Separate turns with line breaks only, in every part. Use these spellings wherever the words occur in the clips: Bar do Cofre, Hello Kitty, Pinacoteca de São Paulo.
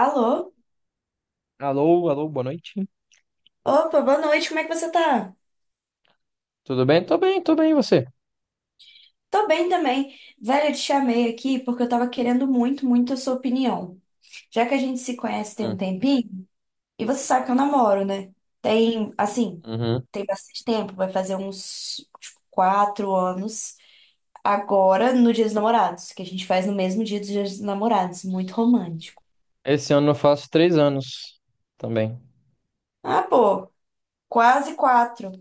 Alô?
Alô, alô, boa noite.
Opa, boa noite, como é que você tá?
Tudo bem? Tô bem, e você?
Tô bem também. Velho, eu te chamei aqui porque eu tava querendo muito, muito a sua opinião. Já que a gente se conhece tem um
Hum,
tempinho, e você sabe que eu namoro, né? Tem, assim,
uhum.
tem bastante tempo, vai fazer uns, tipo, quatro anos. Agora, no Dia dos Namorados, que a gente faz no mesmo dia dos Dias dos Namorados, muito romântico.
Esse ano eu faço três anos também.
Ah, pô, quase quatro.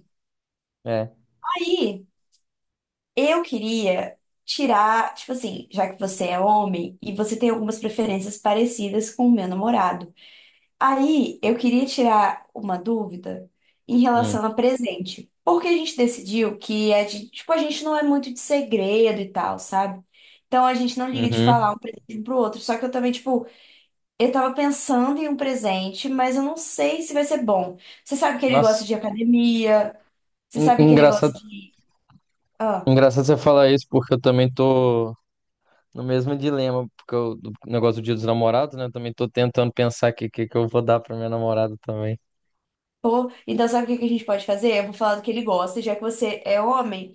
É.
Aí. Eu queria tirar, tipo assim, já que você é homem e você tem algumas preferências parecidas com o meu namorado. Aí eu queria tirar uma dúvida em
Hum,
relação a presente. Porque a gente decidiu que a gente, tipo, a gente não é muito de segredo e tal, sabe? Então a gente não liga de
uhum.
falar um presente um pro outro. Só que eu também, tipo, eu tava pensando em um presente, mas eu não sei se vai ser bom. Você sabe que ele gosta
Nossa,
de academia, você sabe que ele gosta
engraçado,
de.
engraçado você falar isso, porque eu também tô no mesmo dilema, porque eu, do negócio do Dia dos Namorados, né? Eu também tô tentando pensar aqui o que, que eu vou dar pra minha namorada também.
Pô, então sabe o que que a gente pode fazer? Eu vou falar do que ele gosta, já que você é homem,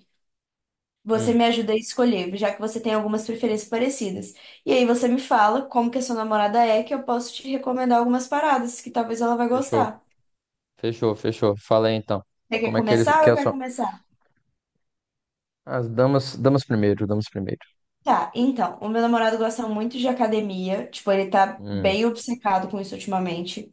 você
Hum,
me ajuda a escolher, já que você tem algumas preferências parecidas. E aí você me fala como que a sua namorada é, que eu posso te recomendar algumas paradas que talvez ela vai
fechou,
gostar.
fechou. Fala aí então.
Você quer
Como é que ele
começar ou
que é
eu
a
quero
sua...
começar?
As damas, damas primeiro, damas primeiro.
Tá, então, o meu namorado gosta muito de academia, tipo, ele tá
Hum,
bem obcecado com isso ultimamente.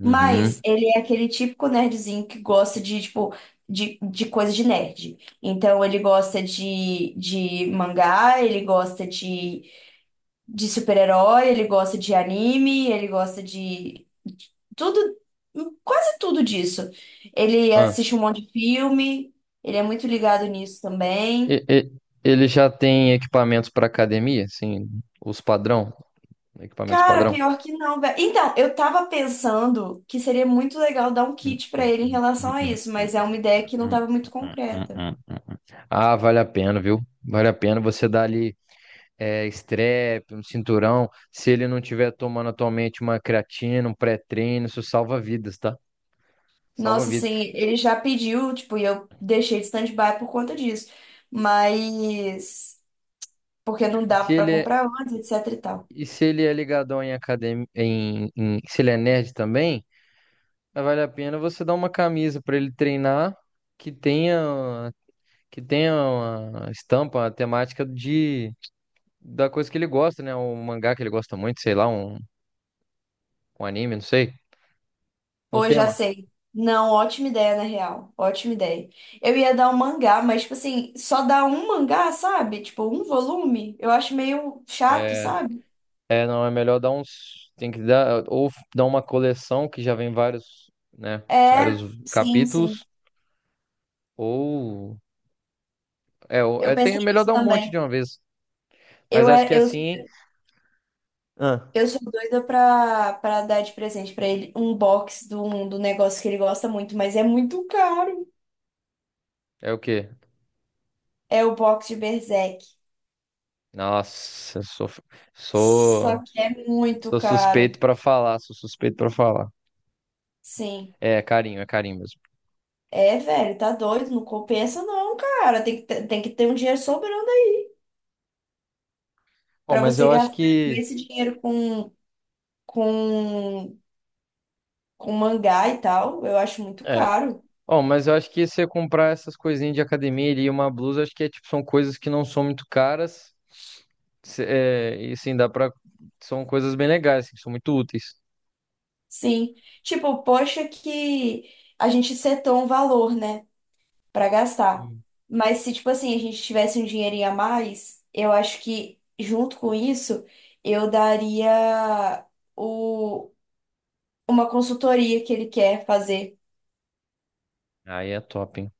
Mas ele é aquele típico nerdzinho que gosta de, tipo, de coisa de nerd. Então ele gosta de mangá, ele gosta de super-herói, ele gosta de anime, ele gosta de tudo, quase tudo disso. Ele
Ah,
assiste um monte de filme, ele é muito ligado nisso também.
E- e- ele já tem equipamentos para academia, assim, os padrão, equipamentos
Cara,
padrão.
pior que não, velho. Então, eu tava pensando que seria muito legal dar um kit pra ele em relação a isso, mas é uma ideia que não tava muito concreta.
Ah, vale a pena, viu? Vale a pena você dar ali é, strep, um cinturão. Se ele não tiver tomando atualmente uma creatina, um pré-treino, isso salva vidas, tá? Salva
Nossa,
vidas.
assim, ele já pediu, tipo, e eu deixei de stand-by por conta disso. Mas porque não
E
dava
se
pra
ele é,
comprar antes, etc e tal.
e se ele é ligadão em academia, se ele é nerd também, vale a pena você dar uma camisa para ele treinar que tenha que tenha uma estampa, uma temática de da coisa que ele gosta, né? Um mangá que ele gosta muito, sei lá, um anime, não sei, no
Pô, já
tema.
sei. Não, ótima ideia, na real. Ótima ideia. Eu ia dar um mangá, mas, tipo assim, só dar um mangá, sabe? Tipo, um volume, eu acho meio chato,
É,
sabe?
é, não é melhor dar uns, tem que dar ou dar uma coleção que já vem vários, né,
É,
vários
sim, sim.
capítulos ou ou-
Eu
é tem
pensei
é melhor
nisso
dar um monte de
também.
uma vez. Mas
Eu,
acho
é,
que assim. Ah,
eu sou doida pra, dar de presente pra ele um box do negócio que ele gosta muito, mas é muito caro.
é o quê?
É o box de Berserk.
Nossa, eu sou
Só que é muito
sou
caro.
suspeito pra falar, sou suspeito pra falar.
Sim.
É, é carinho mesmo.
É, velho, tá doido, não compensa não, cara. Tem que, tem que ter um dinheiro sobrando aí
Bom,
pra
mas
você
eu acho
gastar com
que
esse dinheiro com, com mangá e tal. Eu acho muito
é.
caro.
Ó, mas eu acho que se você comprar essas coisinhas de academia ali e uma blusa, acho que é, tipo, são coisas que não são muito caras. É, e sim, dá pra. São coisas bem legais, assim, são muito úteis.
Sim. Tipo, poxa que a gente setou um valor, né? Pra gastar.
Hum.
Mas se, tipo assim, a gente tivesse um dinheirinho a mais, eu acho que junto com isso, eu daria o, uma consultoria que ele quer fazer.
Aí é top, hein?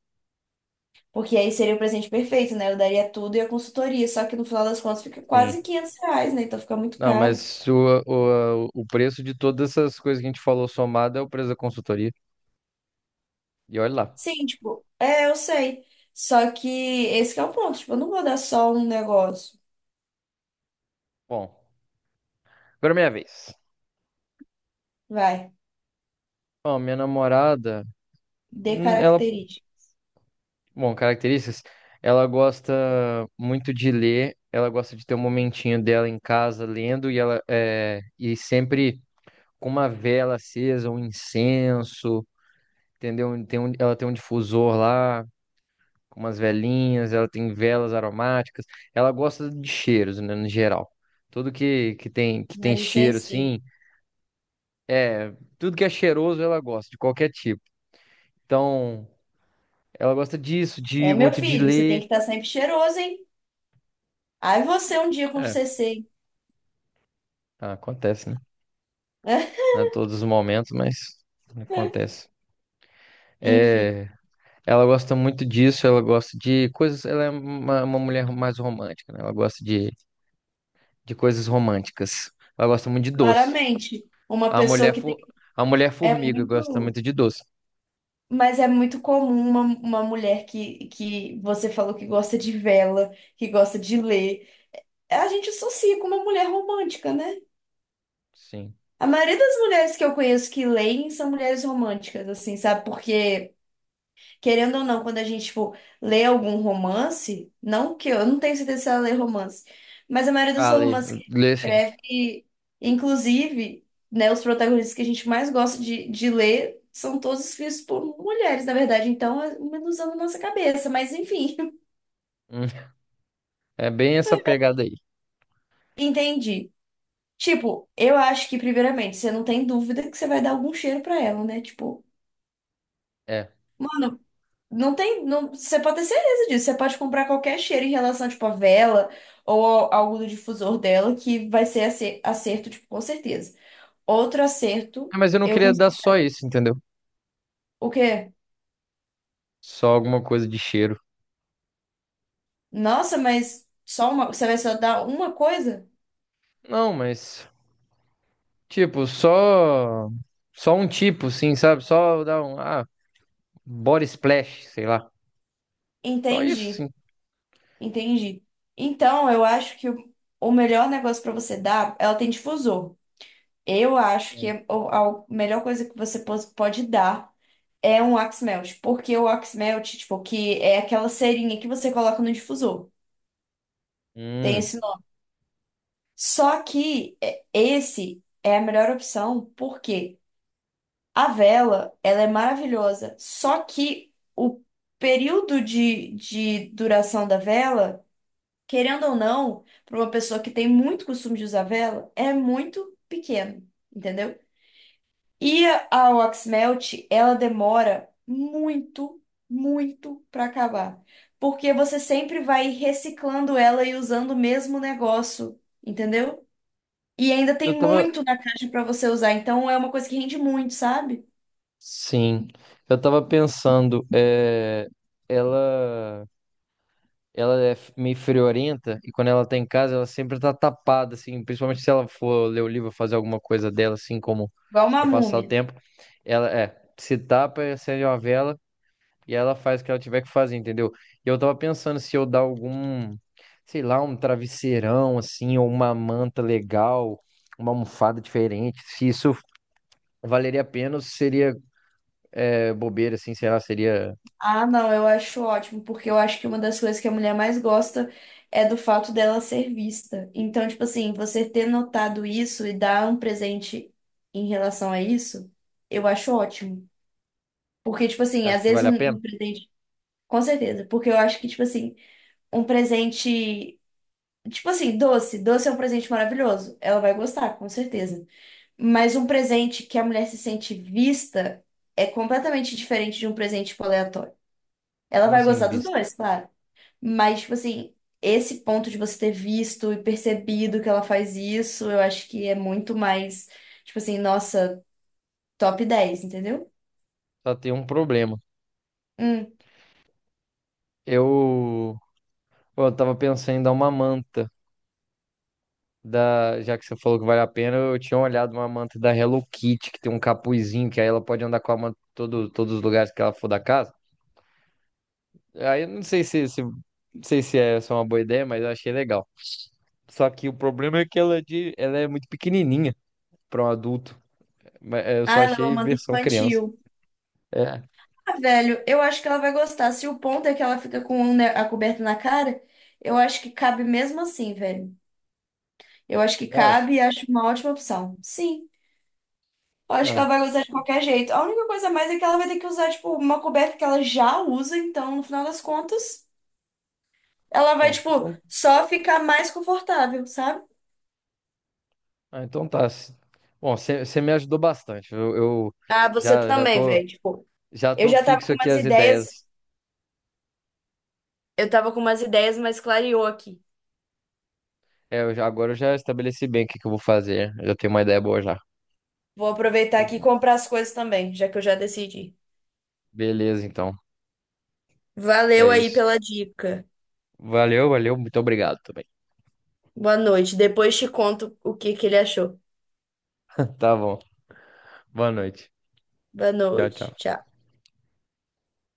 Porque aí seria o presente perfeito, né? Eu daria tudo e a consultoria. Só que no final das contas fica
Sim.
quase 500 reais, né? Então fica muito
Não,
caro.
mas o preço de todas essas coisas que a gente falou somado é o preço da consultoria. E olha lá.
Sim, tipo, é, eu sei. Só que esse que é o ponto. Tipo, eu não vou dar só um negócio.
Bom, agora é minha vez.
Vai,
Ó, minha namorada,
dê
ela...
característica.
Bom, características. Ela gosta muito de ler, ela gosta de ter um momentinho dela em casa lendo e ela é, e sempre com uma vela acesa, um incenso, entendeu? Tem um, ela tem um difusor lá, com umas velinhas, ela tem velas aromáticas. Ela gosta de cheiros, né, no geral. Tudo que, que tem
Nariz
cheiro
sensível.
assim, é, tudo que é cheiroso ela gosta, de qualquer tipo. Então, ela gosta disso,
É,
de
meu
muito de
filho, você tem
ler.
que estar sempre cheiroso, hein? Aí você um dia com
É,
CC,
ah, acontece, né?
né?
Não é todos os momentos, mas acontece.
Enfim,
É, ela gosta muito disso, ela gosta de coisas. Ela é uma mulher mais romântica, né? Ela gosta de coisas românticas. Ela gosta muito de doce.
claramente, uma
A
pessoa
mulher,
que tem,
fo- a mulher
é
formiga gosta
muito,
muito de doce.
mas é muito comum uma mulher que você falou que gosta de vela, que gosta de ler. A gente associa com uma mulher romântica, né?
Sim.
A maioria das mulheres que eu conheço que leem são mulheres românticas, assim, sabe? Porque querendo ou não, quando a gente, tipo, lê algum romance, não que eu, não tenho certeza se ela lê romance, mas a maioria dos
Ah, lê,
romances que
lê sim.
ela escreve, inclusive, né, os protagonistas que a gente mais gosta de ler são todos escritos por mulheres, na verdade, então é uma ilusão na nossa cabeça, mas enfim,
Hum, é bem essa pegada aí.
entendi. Tipo, eu acho que, primeiramente, você não tem dúvida que você vai dar algum cheiro pra ela, né? Tipo,
É.
não tem, não, você pode ter certeza disso. Você pode comprar qualquer cheiro em relação, tipo, a vela ou algo do difusor dela que vai ser acerto, tipo, com certeza. Outro
Ah,
acerto,
mas eu não
eu
queria
cons-
dar só isso, entendeu?
o quê?
Só alguma coisa de cheiro.
Nossa, mas só uma, você vai só dar uma coisa?
Não, mas, tipo, só. Só um tipo, sim, sabe? Só dar um. Ah, Body Splash, sei lá. Só isso,
Entendi,
sim.
entendi. Então, eu acho que o melhor negócio pra você dar, ela tem difusor. Eu acho que
É.
a melhor coisa que você pode dar é um wax melt, porque o wax melt, tipo, que é aquela cerinha que você coloca no difusor. Tem
Hum,
esse nome. Só que é, esse é a melhor opção, porque a vela, ela é maravilhosa, só que o período de duração da vela, querendo ou não, para uma pessoa que tem muito costume de usar vela, é muito pequeno, entendeu? E a Waxmelt, ela demora muito, muito para acabar. Porque você sempre vai reciclando ela e usando o mesmo negócio, entendeu? E ainda
eu
tem
tava.
muito na caixa para você usar, então é uma coisa que rende muito, sabe?
Sim, eu tava pensando, é, ela, meio friorenta e quando ela tá em casa ela sempre tá tapada, assim, principalmente se ela for ler o livro, fazer alguma coisa dela, assim, como
Igual uma
pra passar o
múmia.
tempo, ela é, se tapa, acende uma vela. E ela faz o que ela tiver que fazer, entendeu? E eu tava pensando se eu dar algum, sei lá, um travesseirão, assim, ou uma manta legal, uma almofada diferente. Se isso valeria a pena ou se seria é, bobeira, assim, sei lá, seria.
Ah, não, eu acho ótimo, porque eu acho que uma das coisas que a mulher mais gosta é do fato dela ser vista. Então, tipo assim, você ter notado isso e dar um presente em relação a isso, eu acho ótimo. Porque, tipo assim,
Acho
às
que
vezes
vale a pena?
um presente. Com certeza. Porque eu acho que, tipo assim, um presente. Tipo assim, doce. Doce é um presente maravilhoso. Ela vai gostar, com certeza. Mas um presente que a mulher se sente vista é completamente diferente de um presente, tipo, aleatório. Ela
Como
vai gostar
assim,
dos
bista?
dois, claro. Mas, tipo assim, esse ponto de você ter visto e percebido que ela faz isso, eu acho que é muito mais, tipo assim, nossa, top 10 entendeu?
Só tem um problema.
Hum.
Eu, pô, eu tava pensando em dar uma manta. Da, já que você falou que vale a pena, eu tinha olhado uma manta da Hello Kitty, que tem um capuzinho, que aí ela pode andar com a manta em todo, todos os lugares que ela for da casa. Aí eu não sei se, se, não sei se é só uma boa ideia, mas eu achei legal. Só que o problema é que ela é, de, ela é muito pequenininha para um adulto. Mas, é, eu só
Ah, ela é uma
achei
amante
versão criança.
infantil.
É,
Ah, velho, eu acho que ela vai gostar. Se o ponto é que ela fica com um, né, a coberta na cara, eu acho que cabe mesmo assim, velho. Eu acho que
eu acho.
cabe e acho uma ótima opção. Sim, eu acho que
Ah,
ela vai gostar de qualquer jeito. A única coisa a mais é que ela vai ter que usar, tipo, uma coberta que ela já usa, então, no final das contas, ela vai,
bom,
tipo,
então,
só ficar mais confortável, sabe?
ah, então tá. Bom, você me ajudou bastante. Eu
Ah, você
já, já
também,
tô,
velho. Tipo,
já
eu
tô
já tava
fixo
com
aqui
umas
as
ideias,
ideias.
mas clareou aqui.
É, agora eu já estabeleci bem o que eu vou fazer. Eu já tenho uma ideia boa já.
Vou aproveitar aqui e comprar as coisas também, já que eu já decidi.
Beleza, então. É
Valeu aí
isso.
pela dica.
Valeu, valeu. Muito obrigado também.
Boa noite. Depois te conto o que que ele achou.
Tá bom. Boa noite.
Boa
Tchau,
noite.
tchau.
Tchau.